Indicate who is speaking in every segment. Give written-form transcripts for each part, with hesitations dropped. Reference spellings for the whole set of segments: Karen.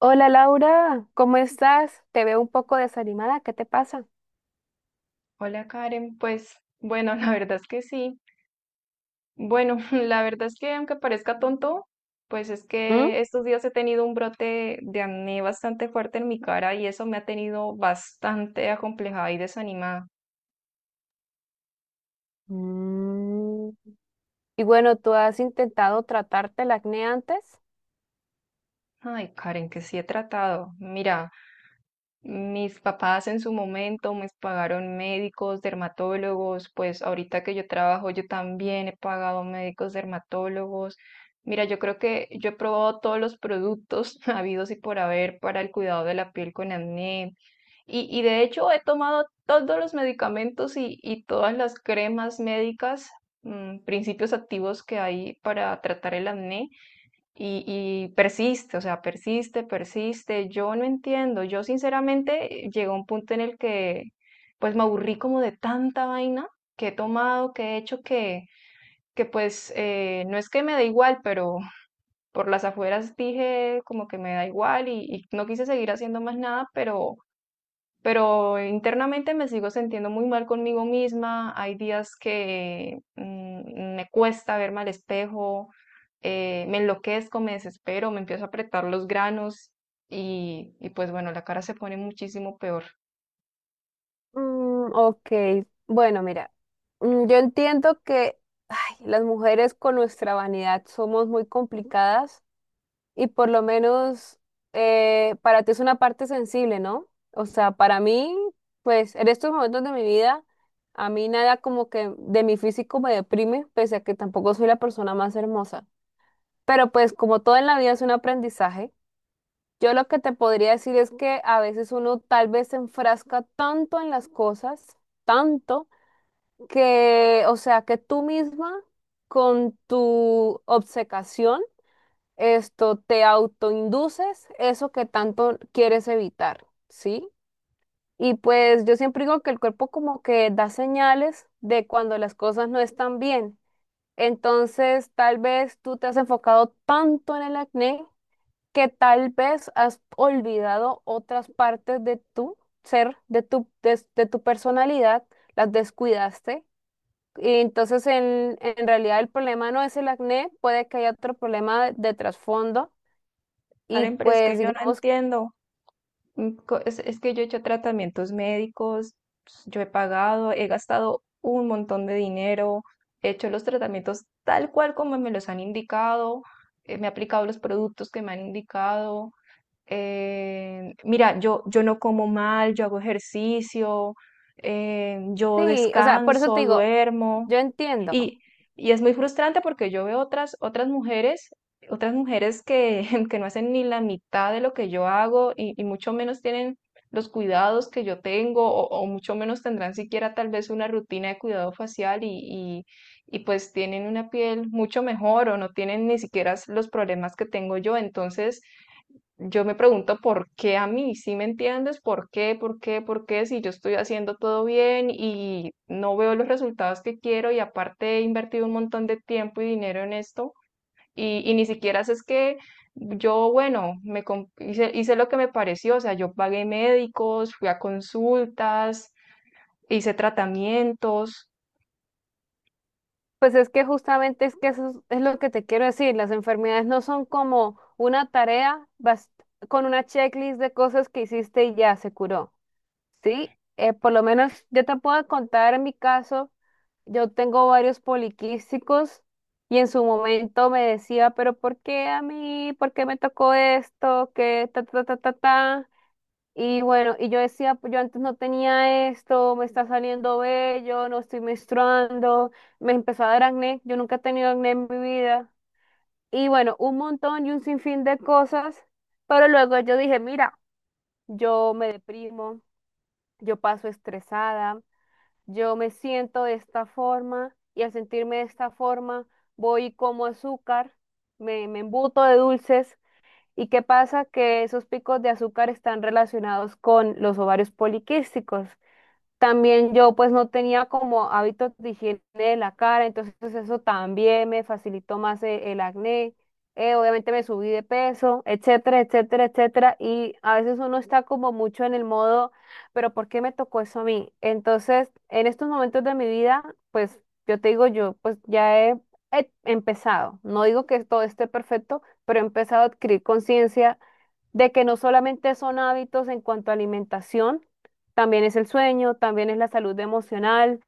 Speaker 1: Hola Laura, ¿cómo estás? Te veo un poco desanimada, ¿qué te pasa?
Speaker 2: Hola Karen, pues bueno, la verdad es que sí. Bueno, la verdad es que aunque parezca tonto, pues es
Speaker 1: ¿Mm?
Speaker 2: que estos días he tenido un brote de acné bastante fuerte en mi cara y eso me ha tenido bastante acomplejada y desanimada.
Speaker 1: Mm, Y bueno, ¿tú has intentado tratarte el acné antes?
Speaker 2: Ay, Karen, que sí he tratado. Mira. Mis papás en su momento me pagaron médicos, dermatólogos; pues ahorita que yo trabajo yo también he pagado médicos, dermatólogos. Mira, yo creo que yo he probado todos los productos habidos y por haber para el cuidado de la piel con acné. Y de hecho he tomado todos los medicamentos y todas las cremas médicas, principios activos que hay para tratar el acné. Y persiste, o sea, persiste, persiste. Yo no entiendo. Yo sinceramente llegué a un punto en el que pues me aburrí como de tanta vaina que he tomado, que he hecho, que pues no es que me da igual, pero por las afueras dije como que me da igual y no quise seguir haciendo más nada, pero internamente me sigo sintiendo muy mal conmigo misma. Hay días que me cuesta verme al espejo, me enloquezco, me desespero, me empiezo a apretar los granos y pues bueno, la cara se pone muchísimo peor.
Speaker 1: Ok, bueno, mira, yo entiendo que ay, las mujeres con nuestra vanidad somos muy complicadas. Y por lo menos para ti es una parte sensible, ¿no? O sea, para mí, pues en estos momentos de mi vida, a mí nada como que de mi físico me deprime, pese a que tampoco soy la persona más hermosa. Pero pues como todo en la vida es un aprendizaje, yo lo que te podría decir es que a veces uno tal vez se enfrasca tanto en las cosas, tanto, que, o sea, que tú misma con tu obcecación, esto te autoinduces eso que tanto quieres evitar, ¿sí? Y pues yo siempre digo que el cuerpo como que da señales de cuando las cosas no están bien. Entonces, tal vez tú te has enfocado tanto en el acné que tal vez has olvidado otras partes de tu ser, de tu, de tu personalidad, las descuidaste. Y entonces, en realidad, el problema no es el acné, puede que haya otro problema de trasfondo y
Speaker 2: Karen, pero es que
Speaker 1: pues
Speaker 2: yo no
Speaker 1: digamos,
Speaker 2: entiendo. Es que yo he hecho tratamientos médicos, yo he pagado, he gastado un montón de dinero, he hecho los tratamientos tal cual como me los han indicado, me he aplicado los productos que me han indicado. Mira, yo no como mal, yo hago ejercicio, yo
Speaker 1: sí, o sea, por eso te
Speaker 2: descanso,
Speaker 1: digo,
Speaker 2: duermo.
Speaker 1: yo entiendo.
Speaker 2: Y, y es muy frustrante porque yo veo otras, otras mujeres que, que no hacen ni la mitad de lo que yo hago y mucho menos tienen los cuidados que yo tengo o mucho menos tendrán siquiera tal vez una rutina de cuidado facial y, y pues tienen una piel mucho mejor o no tienen ni siquiera los problemas que tengo yo. Entonces, yo me pregunto por qué a mí, ¿sí me entiendes? ¿Por qué? ¿Por qué? ¿Por qué? Si yo estoy haciendo todo bien y no veo los resultados que quiero y aparte he invertido un montón de tiempo y dinero en esto y ni siquiera sé, es que yo, bueno, hice, hice lo que me pareció, o sea, yo pagué médicos, fui a consultas, hice tratamientos,
Speaker 1: Pues es que justamente es que eso es lo que te quiero decir, las enfermedades no son como una tarea bas- con una checklist de cosas que hiciste y ya se curó, ¿sí? Por lo menos yo te puedo contar en mi caso, yo tengo varios poliquísticos y en su momento me decía, pero ¿por qué a mí? ¿Por qué me tocó esto? ¿Qué ta ta ta ta ta? Y bueno, y yo decía, "Pues yo antes no tenía esto, me está saliendo bello, no estoy menstruando, me empezó a dar acné, yo nunca he tenido acné en mi vida. Y bueno, un montón y un sinfín de cosas, pero luego yo dije, mira, yo me deprimo, yo paso estresada, yo me siento de esta forma y al sentirme de esta forma voy y como azúcar, me embuto de dulces. ¿Y qué pasa? Que esos picos de azúcar están relacionados con los ovarios poliquísticos. También yo pues no tenía como hábitos de higiene de la cara, entonces pues, eso también me facilitó más e- el, acné. Obviamente me subí de peso, etcétera, etcétera, etcétera. Y a veces uno está como mucho en el modo, pero ¿por qué me tocó eso a mí? Entonces, en estos momentos de mi vida, pues yo te digo, yo pues ya he, he empezado. No digo que todo esté perfecto, pero he empezado a adquirir conciencia de que no solamente son hábitos en cuanto a alimentación, también es el sueño, también es la salud emocional,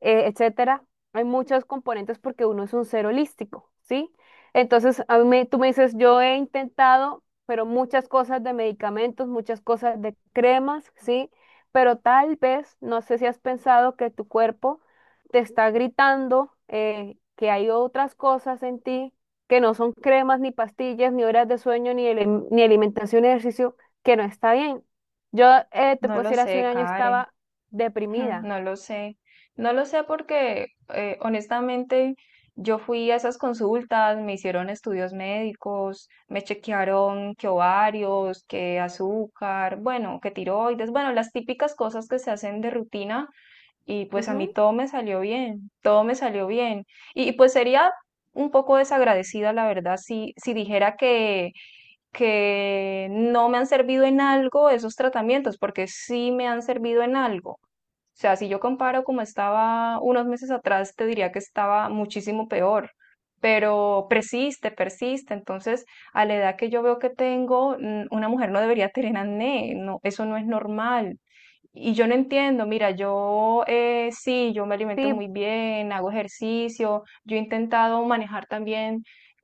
Speaker 1: etcétera. Hay muchos componentes porque uno es un ser holístico, ¿sí? Entonces, a mí me- tú me dices, yo he intentado, pero muchas cosas de medicamentos, muchas cosas de cremas, ¿sí? Pero tal vez, no sé si has pensado que tu cuerpo te está gritando que hay otras cosas en ti que no son cremas, ni pastillas, ni horas de sueño, ni, ele- ni alimentación y ejercicio, que no está bien. Yo te
Speaker 2: no
Speaker 1: puedo
Speaker 2: lo
Speaker 1: decir, hace un
Speaker 2: sé,
Speaker 1: año
Speaker 2: Karen.
Speaker 1: estaba
Speaker 2: Hmm.
Speaker 1: deprimida.
Speaker 2: No lo sé, no lo sé porque honestamente yo fui a esas consultas, me hicieron estudios médicos, me chequearon que ovarios, que azúcar, bueno, que tiroides, bueno, las típicas cosas que se hacen de rutina y pues a mí
Speaker 1: Ujú.
Speaker 2: todo me salió bien, todo me salió bien. Y, pues sería un poco desagradecida, la verdad, si, si dijera que no me han servido en algo esos tratamientos, porque sí me han servido en algo. O sea, si yo comparo como estaba unos meses atrás, te diría que estaba muchísimo peor, pero persiste, persiste. Entonces, a la edad que yo veo que tengo, una mujer no debería tener acné, no, eso no es normal. Y yo no entiendo, mira, yo sí, yo me alimento
Speaker 1: Sí,
Speaker 2: muy bien, hago ejercicio, yo he intentado manejar también,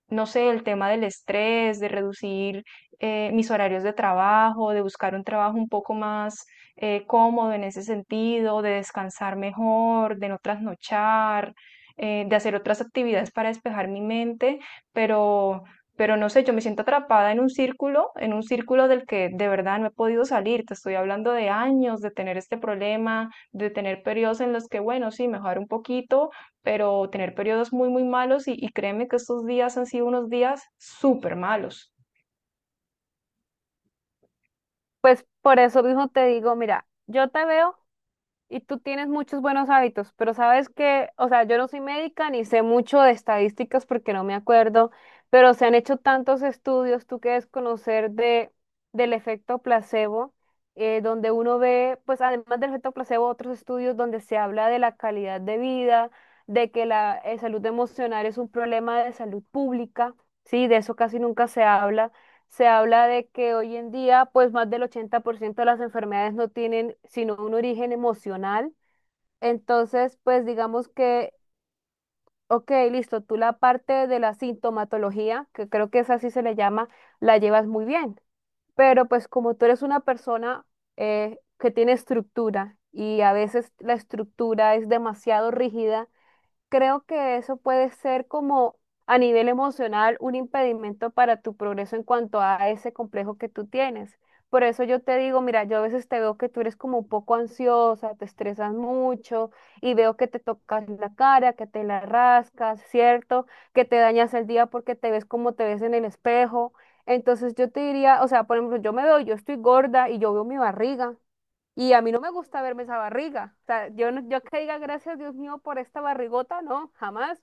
Speaker 2: no sé, el tema del estrés, de reducir mis horarios de trabajo, de buscar un trabajo un poco más cómodo en ese sentido, de descansar mejor, de no trasnochar, de hacer otras actividades para despejar mi mente, pero pero no sé, yo me siento atrapada en un círculo del que de verdad no he podido salir. Te estoy hablando de años, de tener este problema, de tener periodos en los que, bueno, sí, mejorar un poquito, pero tener periodos muy, muy malos y créeme que estos días han sido unos días súper malos.
Speaker 1: pues por eso mismo te digo, mira, yo te veo. Y tú tienes muchos buenos hábitos, pero sabes que, o sea, yo no soy médica ni sé mucho de estadísticas porque no me acuerdo, pero se han hecho tantos estudios, tú quieres conocer de, del efecto placebo, donde uno ve, pues además del efecto placebo, otros estudios donde se habla de la calidad de vida, de que la salud emocional es un problema de salud pública, sí, de eso casi nunca se habla se habla de que hoy en día, pues más del 80% de las enfermedades no tienen sino un origen emocional. Entonces, pues digamos que, ok, listo, tú la parte de la sintomatología, que creo que es así se le llama, la llevas muy bien. Pero pues como tú eres una persona que tiene estructura y a veces la estructura es demasiado rígida, creo que eso puede ser como a nivel emocional un impedimento para tu progreso en cuanto a ese complejo que tú tienes. Por eso yo te digo, mira, yo a veces te veo que tú eres como un poco ansiosa, te estresas mucho y veo que te tocas la cara, que te la rascas, ¿cierto? Que te dañas el día porque te ves como te ves en el espejo. Entonces yo te diría, o sea, por ejemplo, yo me veo, yo estoy gorda y yo veo mi barriga. Y a mí no me gusta verme esa barriga. O sea, yo, no- yo que diga gracias Dios mío por esta barrigota, no, jamás.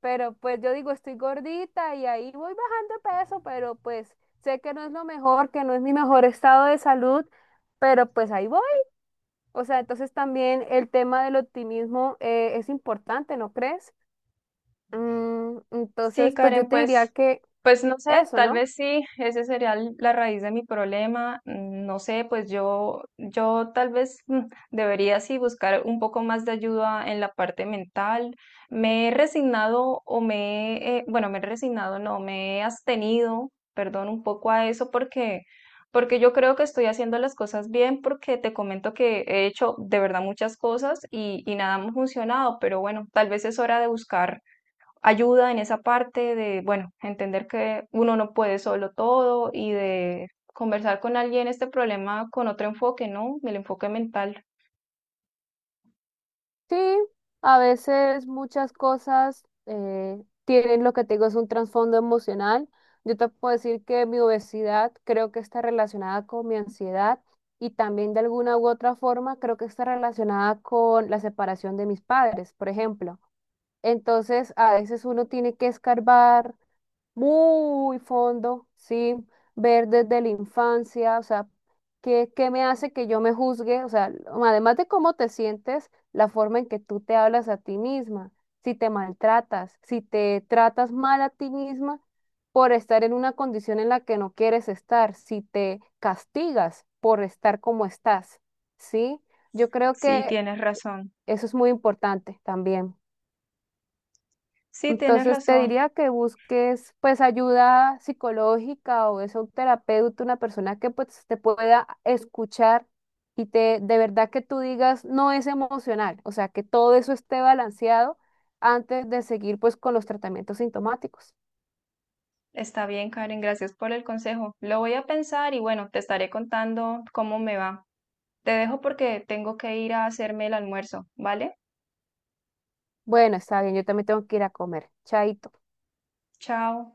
Speaker 1: Pero pues yo digo, estoy gordita y ahí voy bajando de peso, pero pues sé que no es lo mejor, que no es mi mejor estado de salud, pero pues ahí voy. O sea, entonces también el tema del optimismo es importante, ¿no crees? Mm,
Speaker 2: Sí,
Speaker 1: entonces, pues yo
Speaker 2: Karen,
Speaker 1: te
Speaker 2: pues,
Speaker 1: diría que
Speaker 2: pues no sé,
Speaker 1: eso,
Speaker 2: tal
Speaker 1: ¿no?
Speaker 2: vez sí, ese sería la raíz de mi problema. No sé, pues yo tal vez debería sí buscar un poco más de ayuda en la parte mental. Me he resignado o me, he, bueno, me he resignado, no, me he abstenido, perdón, un poco a eso porque, porque yo creo que estoy haciendo las cosas bien, porque te comento que he hecho de verdad muchas cosas y nada me ha funcionado, pero bueno, tal vez es hora de buscar ayuda en esa parte de, bueno, entender que uno no puede solo todo y de conversar con alguien este problema con otro enfoque, ¿no? El enfoque mental.
Speaker 1: Sí, a veces muchas cosas tienen lo que te digo, es un trasfondo emocional. Yo te puedo decir que mi obesidad creo que está relacionada con mi ansiedad y también de alguna u otra forma creo que está relacionada con la separación de mis padres, por ejemplo. Entonces, a veces uno tiene que escarbar muy fondo, ¿sí? Ver desde la infancia, o sea, ¿qué me hace que yo me juzgue? O sea, además de cómo te sientes, la forma en que tú te hablas a ti misma, si te maltratas, si te tratas mal a ti misma por estar en una condición en la que no quieres estar, si te castigas por estar como estás, ¿sí? Yo creo
Speaker 2: Sí,
Speaker 1: que
Speaker 2: tienes razón.
Speaker 1: eso es muy importante también.
Speaker 2: Sí, tienes
Speaker 1: Entonces te
Speaker 2: razón.
Speaker 1: diría que busques pues ayuda psicológica o es un terapeuta, una persona que pues te pueda escuchar y te de verdad que tú digas no es emocional, o sea, que todo eso esté balanceado antes de seguir pues con los tratamientos sintomáticos.
Speaker 2: Está bien, Karen, gracias por el consejo. Lo voy a pensar y bueno, te estaré contando cómo me va. Te dejo porque tengo que ir a hacerme el almuerzo, ¿vale?
Speaker 1: Bueno, está bien, yo también tengo que ir a comer. Chaito.
Speaker 2: Chao.